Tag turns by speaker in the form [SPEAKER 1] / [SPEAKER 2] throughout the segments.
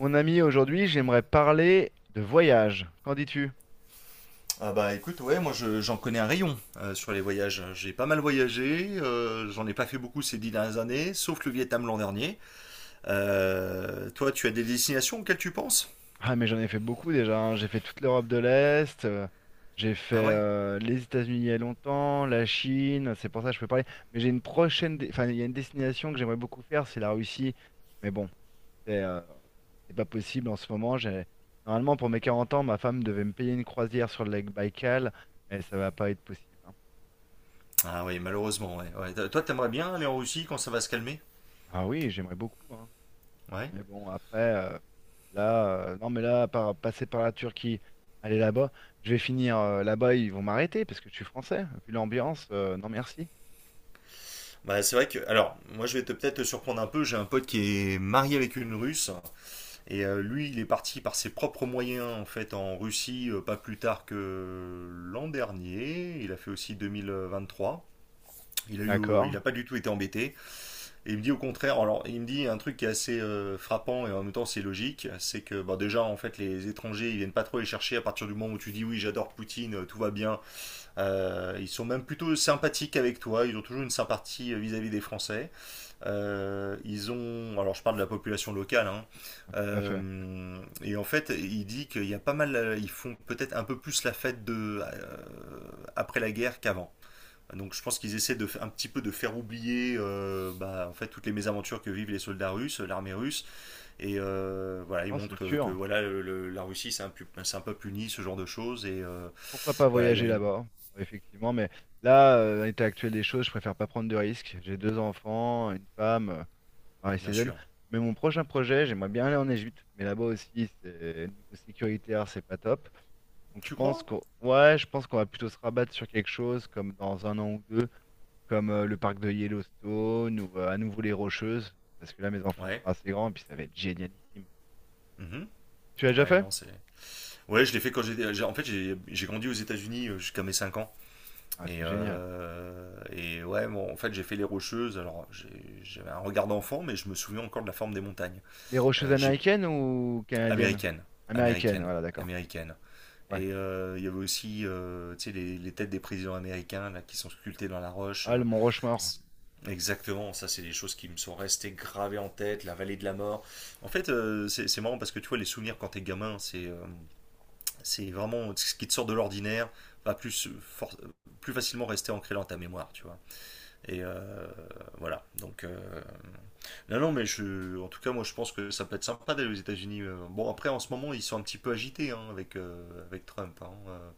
[SPEAKER 1] Mon ami, aujourd'hui, j'aimerais parler de voyage. Qu'en dis-tu?
[SPEAKER 2] Ah bah écoute, ouais, moi j'en connais un rayon sur les voyages. J'ai pas mal voyagé, j'en ai pas fait beaucoup ces dix dernières années, sauf le Vietnam l'an dernier. Toi, tu as des destinations auxquelles tu penses?
[SPEAKER 1] Ah, mais j'en ai fait beaucoup déjà, hein. J'ai fait toute l'Europe de l'Est, j'ai
[SPEAKER 2] Ah
[SPEAKER 1] fait
[SPEAKER 2] ouais?
[SPEAKER 1] les États-Unis il y a longtemps, la Chine, c'est pour ça que je peux parler. Mais j'ai une prochaine, enfin, il y a une destination que j'aimerais beaucoup faire, c'est la Russie. Mais bon, c'est euh, c'est pas possible en ce moment. J'ai... Normalement, pour mes 40 ans, ma femme devait me payer une croisière sur le lac Baïkal, mais ça va pas être possible, hein.
[SPEAKER 2] Ah oui, malheureusement, ouais. Ouais. Toi, t'aimerais bien aller en Russie quand ça va se calmer?
[SPEAKER 1] Ah oui, j'aimerais beaucoup, hein.
[SPEAKER 2] Ouais.
[SPEAKER 1] Mais bon, après, là, non, mais là, passer par la Turquie, aller là-bas, je vais finir là-bas, ils vont m'arrêter parce que je suis français. Vu l'ambiance, non merci.
[SPEAKER 2] Bah c'est vrai que, alors, moi je vais te peut-être te surprendre un peu, j'ai un pote qui est marié avec une Russe, et lui, il est parti par ses propres moyens, en fait, en Russie, pas plus tard que l'an dernier, il a fait aussi 2023. Il a eu, euh,
[SPEAKER 1] D'accord,
[SPEAKER 2] il a pas du tout été embêté. Et il me dit au contraire, alors il me dit un truc qui est assez frappant et en même temps c'est logique, c'est que bah, déjà en fait les étrangers ils viennent pas trop les chercher à partir du moment où tu dis oui j'adore Poutine, tout va bien. Ils sont même plutôt sympathiques avec toi, ils ont toujours une sympathie vis-à-vis des Français. Ils ont, alors je parle de la population locale, hein,
[SPEAKER 1] tout à fait.
[SPEAKER 2] euh, et en fait, il dit qu'il y a pas mal, ils font peut-être un peu plus la fête de après la guerre qu'avant. Donc je pense qu'ils essaient de, un petit peu de faire oublier bah, en fait, toutes les mésaventures que vivent les soldats russes, l'armée russe, et voilà, ils
[SPEAKER 1] Non, c'est
[SPEAKER 2] montrent que,
[SPEAKER 1] sûr.
[SPEAKER 2] voilà, la Russie c'est un peuple uni, ce genre de choses, et
[SPEAKER 1] Pourquoi pas
[SPEAKER 2] voilà, il y a
[SPEAKER 1] voyager
[SPEAKER 2] une.
[SPEAKER 1] là-bas? Effectivement, mais là, à l'état actuel des choses, je préfère pas prendre de risques. J'ai deux enfants, une femme. Pareil,
[SPEAKER 2] Bien
[SPEAKER 1] Cézanne.
[SPEAKER 2] sûr.
[SPEAKER 1] Mais mon prochain projet, j'aimerais bien aller en Égypte, mais là-bas aussi, c'est niveau sécuritaire, c'est pas top. Donc je
[SPEAKER 2] Tu
[SPEAKER 1] pense
[SPEAKER 2] crois?
[SPEAKER 1] qu'on, ouais, je pense qu'on va plutôt se rabattre sur quelque chose comme dans un an ou deux, comme le parc de Yellowstone ou à nouveau les Rocheuses, parce que là mes enfants
[SPEAKER 2] Ouais.
[SPEAKER 1] sont assez grands et puis ça va être génialissime.
[SPEAKER 2] Mhm.
[SPEAKER 1] Tu l'as déjà
[SPEAKER 2] Ouais,
[SPEAKER 1] fait?
[SPEAKER 2] non, c'est. Ouais, je l'ai fait en fait, j'ai grandi aux États-Unis jusqu'à mes 5 ans,
[SPEAKER 1] Ah,
[SPEAKER 2] et,
[SPEAKER 1] c'est génial.
[SPEAKER 2] euh, et ouais, bon, en fait, j'ai fait les Rocheuses, alors j'avais un regard d'enfant, mais je me souviens encore de la forme des montagnes.
[SPEAKER 1] Les Rocheuses
[SPEAKER 2] Euh, j'ai...
[SPEAKER 1] américaines ou canadiennes?
[SPEAKER 2] Américaine,
[SPEAKER 1] Américaines,
[SPEAKER 2] américaine,
[SPEAKER 1] voilà, d'accord.
[SPEAKER 2] américaine.
[SPEAKER 1] Ouais.
[SPEAKER 2] Et il y avait aussi tu sais, les têtes des présidents américains là, qui sont sculptées dans la roche.
[SPEAKER 1] Ah, le Mont Rushmore.
[SPEAKER 2] C'est- Exactement, ça c'est des choses qui me sont restées gravées en tête, la vallée de la mort. En fait, c'est marrant parce que tu vois, les souvenirs quand t'es gamin, c'est vraiment ce qui te sort de l'ordinaire, va plus, plus facilement rester ancré dans ta mémoire, tu vois. Et voilà, donc... euh, non, non, mais je, en tout cas, moi je pense que ça peut être sympa d'aller aux États-Unis. Bon, après, en ce moment, ils sont un petit peu agités hein, avec, avec Trump. Hein.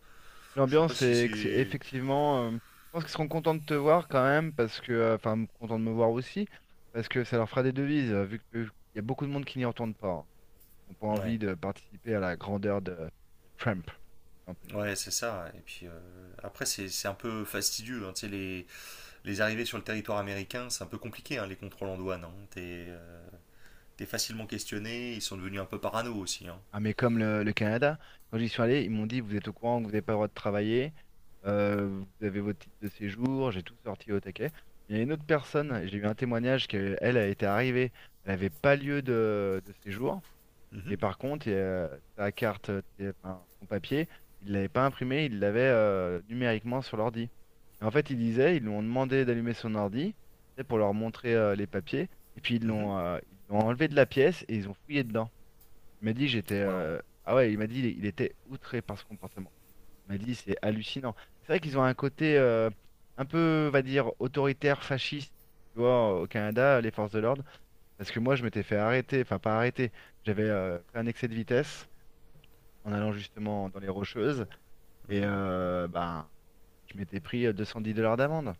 [SPEAKER 2] Je sais pas
[SPEAKER 1] L'ambiance
[SPEAKER 2] si
[SPEAKER 1] est
[SPEAKER 2] c'est.
[SPEAKER 1] effectivement, je pense qu'ils seront contents de te voir quand même, parce que, enfin, contents de me voir aussi, parce que ça leur fera des devises, vu qu'il y a beaucoup de monde qui n'y entendent pas, hein, qui n'ont pas
[SPEAKER 2] Ouais.
[SPEAKER 1] envie de participer à la grandeur de Trump, si on peut dire ainsi.
[SPEAKER 2] Ouais, c'est ça. Et puis après, c'est un peu fastidieux. Hein. Tu sais, les arrivées sur le territoire américain, c'est un peu compliqué, hein, les contrôles en douane. Hein. T'es facilement questionné, ils sont devenus un peu parano aussi. Hein.
[SPEAKER 1] Ah, mais comme le Canada, quand j'y suis allé, ils m'ont dit, vous êtes au courant que vous n'avez pas le droit de travailler, euh, vous avez votre titre de séjour, j'ai tout sorti au taquet. Mais il y a une autre personne, j'ai eu un témoignage qu'elle, elle a été arrivée, elle n'avait pas lieu de séjour. Et
[SPEAKER 2] Mhm,
[SPEAKER 1] par contre, sa carte, c'est- enfin, son papier, il l'avait pas imprimé, il l'avait numériquement sur l'ordi. Et en fait, il disait, ils lui ont demandé d'allumer son ordi, tu sais, pour leur montrer les papiers. Et puis
[SPEAKER 2] mhm.
[SPEAKER 1] ils l'ont enlevé de la pièce et ils ont fouillé dedans. Il m'a dit, j'étais.
[SPEAKER 2] Ouais,
[SPEAKER 1] Ah ouais, il m'a dit, il était outré par ce comportement. Il m'a dit, c'est hallucinant. C'est vrai qu'ils ont un côté un peu, on va dire, autoritaire, fasciste, tu vois, au Canada, les forces de l'ordre. Parce que moi, je m'étais fait arrêter, enfin pas arrêter, j'avais fait un excès de vitesse en allant justement dans les rocheuses et
[SPEAKER 2] mhm.
[SPEAKER 1] ben, je m'étais pris 210 $ d'amende.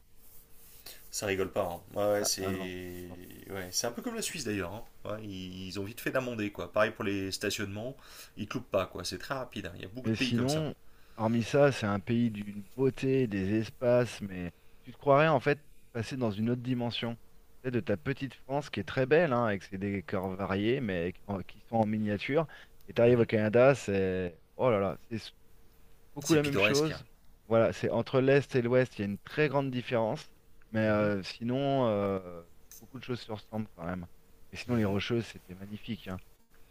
[SPEAKER 2] Ça rigole pas. Hein. Ouais,
[SPEAKER 1] Ah, ah non. Non, c'est-
[SPEAKER 2] ouais, c'est un peu comme la Suisse d'ailleurs. Hein. Ouais, ils ont vite fait d'amender, quoi. Pareil pour les stationnements, ils te loupent pas, quoi. C'est très rapide. Hein. Il y a beaucoup
[SPEAKER 1] mais
[SPEAKER 2] de pays comme ça.
[SPEAKER 1] sinon, hormis ça, c'est un pays d'une beauté, des espaces, mais tu te croirais en fait passer dans une autre dimension. Tu sais, de ta petite France qui est très belle, hein, avec ses décors variés, mais qui sont en miniature. Et t'arrives au
[SPEAKER 2] Mhm.
[SPEAKER 1] Canada, c'est... Oh là là, c'est beaucoup
[SPEAKER 2] C'est
[SPEAKER 1] la même
[SPEAKER 2] pittoresque. Hein.
[SPEAKER 1] chose. Voilà, c'est entre l'Est et l'Ouest, il y a une très grande différence. Mais
[SPEAKER 2] Mhm,
[SPEAKER 1] sinon, beaucoup de choses se ressemblent quand même. Et sinon, les
[SPEAKER 2] mhm.
[SPEAKER 1] Rocheuses, c'était magnifique, hein.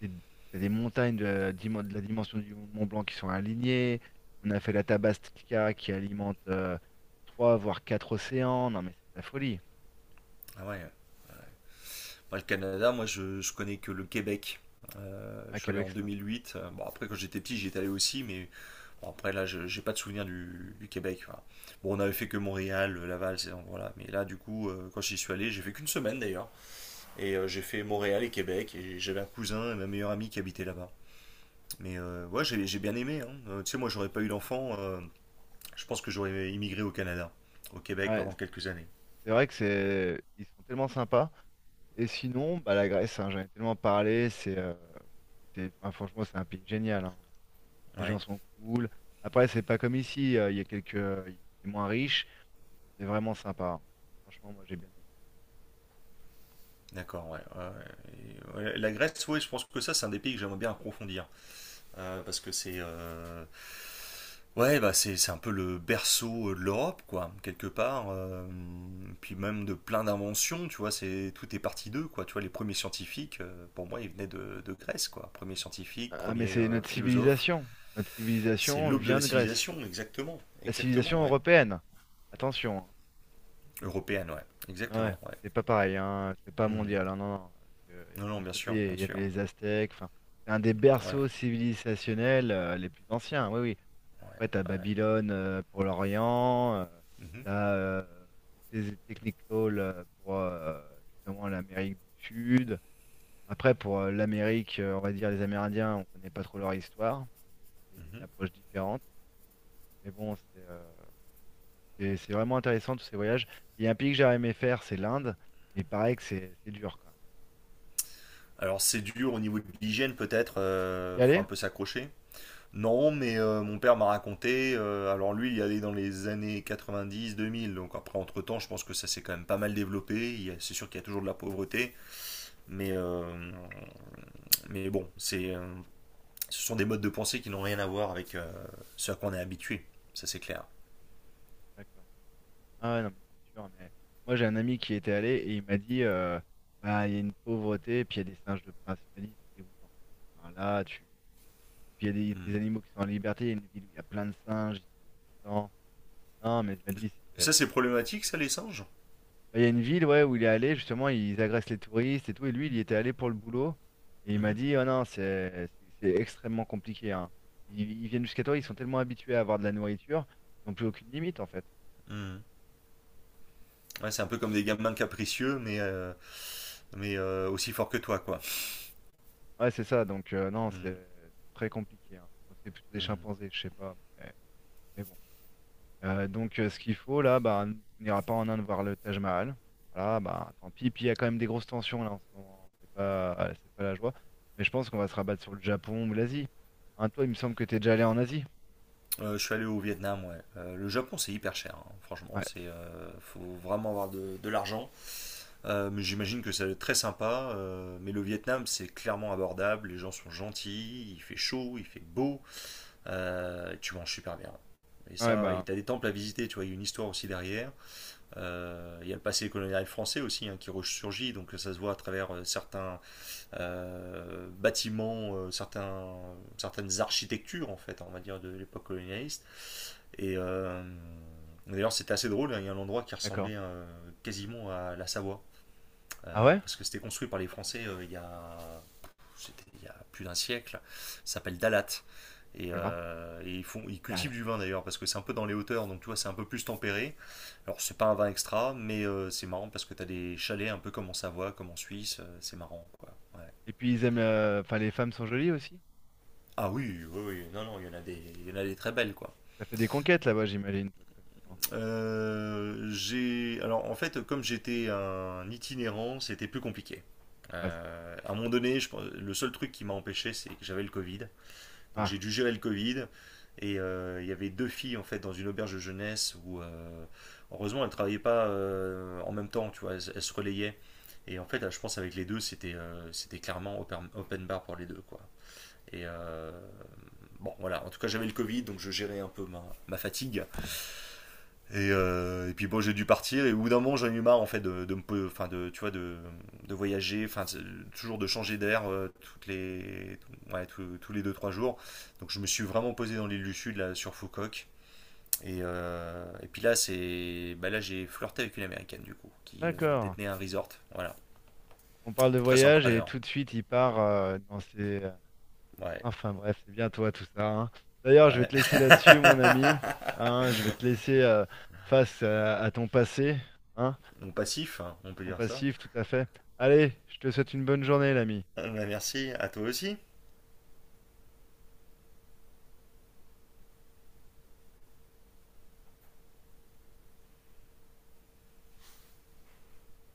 [SPEAKER 1] Des- t'as des montagnes de la, de la dimension du Mont Blanc qui sont alignées. On a fait la Tabastica qui alimente trois, voire quatre océans. Non, mais c'est de la folie.
[SPEAKER 2] Ah ouais. Ouais. Enfin, le Canada, moi, je connais que le Québec.
[SPEAKER 1] À
[SPEAKER 2] Je suis allé
[SPEAKER 1] Québec,
[SPEAKER 2] en
[SPEAKER 1] c'est sympa.
[SPEAKER 2] 2008. Bon, après, quand j'étais petit, j'y étais allé aussi, mais bon, après, là, j'ai pas de souvenir du, Québec. Voilà. Bon, on avait fait que Montréal, Laval, ces endroits-là. Mais là, du coup, quand j'y suis allé, j'ai fait qu'une semaine d'ailleurs. Et j'ai fait Montréal et Québec. Et j'avais un cousin et ma meilleure amie qui habitait là-bas. Mais ouais, j'ai bien aimé. Hein. Tu sais, moi, j'aurais pas eu d'enfant. Je pense que j'aurais immigré au Canada, au Québec
[SPEAKER 1] Ouais,
[SPEAKER 2] pendant quelques années.
[SPEAKER 1] c'est vrai que c'est, ils sont tellement sympas. Et sinon, bah, la Grèce, hein, j'en ai tellement parlé. C'est- enfin, franchement, c'est un pays génial, hein. Les gens
[SPEAKER 2] Ouais.
[SPEAKER 1] sont cool. Après, c'est pas comme ici, il y a quelques, c'est moins riche, c'est vraiment sympa, hein. Franchement, moi j'ai bien aimé.
[SPEAKER 2] D'accord, ouais. Ouais, ouais. Et, ouais, la Grèce, oui, je pense que ça, c'est un des pays que j'aimerais bien approfondir. Parce que c'est. Ouais, bah c'est un peu le berceau de l'Europe, quoi, quelque part. Puis même de plein d'inventions, tu vois, c'est tout est parti d'eux, quoi. Tu vois, les premiers scientifiques, pour moi, ils venaient de Grèce, quoi. Premier scientifique,
[SPEAKER 1] Ah, mais
[SPEAKER 2] premier
[SPEAKER 1] c'est notre
[SPEAKER 2] philosophe.
[SPEAKER 1] civilisation. Notre
[SPEAKER 2] C'est
[SPEAKER 1] civilisation
[SPEAKER 2] l'aube de
[SPEAKER 1] vient
[SPEAKER 2] la
[SPEAKER 1] de Grèce.
[SPEAKER 2] civilisation, exactement.
[SPEAKER 1] La
[SPEAKER 2] Exactement,
[SPEAKER 1] civilisation
[SPEAKER 2] ouais.
[SPEAKER 1] européenne. Attention, hein.
[SPEAKER 2] Européenne, ouais.
[SPEAKER 1] Ouais,
[SPEAKER 2] Exactement, ouais.
[SPEAKER 1] c'est pas pareil, hein. C'est pas
[SPEAKER 2] Mhm.
[SPEAKER 1] mondial, hein, non, non. Parce que,
[SPEAKER 2] Non,
[SPEAKER 1] de
[SPEAKER 2] non,
[SPEAKER 1] l'autre
[SPEAKER 2] bien sûr,
[SPEAKER 1] côté,
[SPEAKER 2] bien
[SPEAKER 1] il y avait
[SPEAKER 2] sûr.
[SPEAKER 1] les Aztèques. Enfin, c'est un des
[SPEAKER 2] Ouais,
[SPEAKER 1] berceaux civilisationnels, les plus anciens. Oui, oui.
[SPEAKER 2] ouais,
[SPEAKER 1] Ouais, t'as
[SPEAKER 2] ouais.
[SPEAKER 1] Babylone pour l'Orient,
[SPEAKER 2] Mhm,
[SPEAKER 1] t'as des Technical pour justement l'Amérique du Sud. Après, pour l'Amérique, on va dire les Amérindiens, on connaît pas trop leur histoire. C'est
[SPEAKER 2] mhm.
[SPEAKER 1] une approche différente. Mais bon, c'est vraiment intéressant tous ces voyages. Il y a un pays que j'aurais aimé faire, c'est l'Inde. Mais pareil que c'est dur quand même.
[SPEAKER 2] Alors c'est dur au niveau de l'hygiène peut-être,
[SPEAKER 1] Y
[SPEAKER 2] faut
[SPEAKER 1] aller?
[SPEAKER 2] un peu s'accrocher. Non, mais mon père m'a raconté, alors lui il y allait dans les années 90-2000, donc après entre-temps je pense que ça s'est quand même pas mal développé. C'est sûr qu'il y a toujours de la pauvreté, mais, euh, mais bon, ce sont des modes de pensée qui n'ont rien à voir avec ce à quoi on est habitué, ça c'est clair.
[SPEAKER 1] D'accord. Ah ouais, non, mais c'est sûr, mais moi j'ai un ami qui y était allé et il m'a dit bah il y a une pauvreté, et puis il y a des singes de prince. Il m'a dit c'est dégoûtant. Enfin, là, tu. Puis il y a des
[SPEAKER 2] Mm.
[SPEAKER 1] animaux qui sont en liberté, il y a une ville où il y a plein de singes, ils sont embêtants. Non, mais il m'a dit
[SPEAKER 2] Et ça
[SPEAKER 1] c'était.
[SPEAKER 2] c'est problématique ça les singes?
[SPEAKER 1] Bah, il y a une ville ouais, où il est allé, justement, ils agressent les touristes et tout, et lui il y était allé pour le boulot. Et il m'a
[SPEAKER 2] Mhm.
[SPEAKER 1] dit oh non, c'est extrêmement compliqué, hein. Ils viennent jusqu'à toi, ils sont tellement habitués à avoir de la nourriture, ils n'ont plus aucune limite en fait.
[SPEAKER 2] Mm. Ouais, c'est un peu comme des gamins capricieux, mais aussi forts que toi quoi.
[SPEAKER 1] Ouais, c'est ça. Donc, non,
[SPEAKER 2] Mm.
[SPEAKER 1] c'est très compliqué, hein. Enfin, c'est plutôt des
[SPEAKER 2] Mm.
[SPEAKER 1] chimpanzés, je sais pas. Mais bon. Donc, ce qu'il faut, là, bah, on n'ira pas en Inde voir le Taj Mahal. Voilà, bah, tant pis. Puis, il y a quand même des grosses tensions, là, en ce moment, hein. C'est pas la joie. Mais je pense qu'on va se rabattre sur le Japon ou l'Asie. Hein, toi, il me semble que t'es déjà allé en Asie.
[SPEAKER 2] Je suis allé au Vietnam, ouais. Le Japon, c'est hyper cher, hein. Franchement.
[SPEAKER 1] Ouais.
[SPEAKER 2] Faut vraiment avoir de l'argent. Mais j'imagine que ça va être très sympa. Mais le Vietnam, c'est clairement abordable. Les gens sont gentils, il fait chaud, il fait beau. Tu manges super bien. Et
[SPEAKER 1] Ouais,
[SPEAKER 2] ça, et
[SPEAKER 1] bah,
[SPEAKER 2] t'as des temples à visiter, tu vois, il y a une histoire aussi derrière. Il y a le passé colonial français aussi hein, qui ressurgit, donc ça se voit à travers certains bâtiments, certaines architectures, en fait, on va dire, de l'époque colonialiste. Et d'ailleurs, c'était assez drôle. Hein, il y a un endroit qui
[SPEAKER 1] d'accord.
[SPEAKER 2] ressemblait quasiment à la Savoie,
[SPEAKER 1] Ah ouais?
[SPEAKER 2] parce que c'était construit par les Français c'était il y a plus d'un siècle. Ça s'appelle Dalat. Et,
[SPEAKER 1] Fais voir.
[SPEAKER 2] euh, et ils
[SPEAKER 1] Ah
[SPEAKER 2] cultivent
[SPEAKER 1] là.
[SPEAKER 2] du vin d'ailleurs, parce que c'est un peu dans les hauteurs, donc tu vois, c'est un peu plus tempéré. Alors, c'est pas un vin extra, mais c'est marrant parce que t'as des chalets un peu comme en Savoie, comme en Suisse. C'est marrant, quoi. Ouais.
[SPEAKER 1] Et puis, ils aiment. La- enfin, les femmes sont jolies aussi.
[SPEAKER 2] Ah oui, oui, oui. Non, non, il y en a des, il y en a des très belles, quoi.
[SPEAKER 1] Ça fait des conquêtes là-bas, j'imagine, toi, te connaissant.
[SPEAKER 2] J'ai Alors en fait comme j'étais un itinérant, c'était plus compliqué.
[SPEAKER 1] Ouais, c'est-
[SPEAKER 2] À un moment donné, le seul truc qui m'a empêché, c'est que j'avais le Covid. Donc j'ai
[SPEAKER 1] ah,
[SPEAKER 2] dû gérer le Covid. Et il y avait deux filles en fait dans une auberge de jeunesse où heureusement elles travaillaient pas en même temps, tu vois, elles se relayaient. Et en fait, là, je pense avec les deux, c'était clairement open bar pour les deux quoi. Et bon voilà, en tout cas j'avais le Covid, donc je gérais un peu ma fatigue. Et puis bon, j'ai dû partir et au bout d'un moment, j'en ai eu marre en fait de me, enfin de, tu vois, de voyager, enfin toujours de changer d'air toutes les, ouais, tous les deux trois jours. Donc je me suis vraiment posé dans l'île du Sud là sur Foucault. Et puis là, bah là, j'ai flirté avec une américaine du coup qui
[SPEAKER 1] d'accord.
[SPEAKER 2] détenait un resort. Voilà,
[SPEAKER 1] On parle de
[SPEAKER 2] très sympa
[SPEAKER 1] voyage et
[SPEAKER 2] d'ailleurs.
[SPEAKER 1] tout de suite il part dans ses...
[SPEAKER 2] Ouais,
[SPEAKER 1] Enfin bref, c'est bien toi tout ça, hein. D'ailleurs, je vais
[SPEAKER 2] ouais.
[SPEAKER 1] te laisser là-dessus, mon ami. Hein, je vais te laisser face à ton passé, hein,
[SPEAKER 2] Mon passif, hein, on peut
[SPEAKER 1] ton
[SPEAKER 2] dire ça.
[SPEAKER 1] passif, tout à fait. Allez, je te souhaite une bonne journée, l'ami.
[SPEAKER 2] Ah, bah, merci à toi aussi.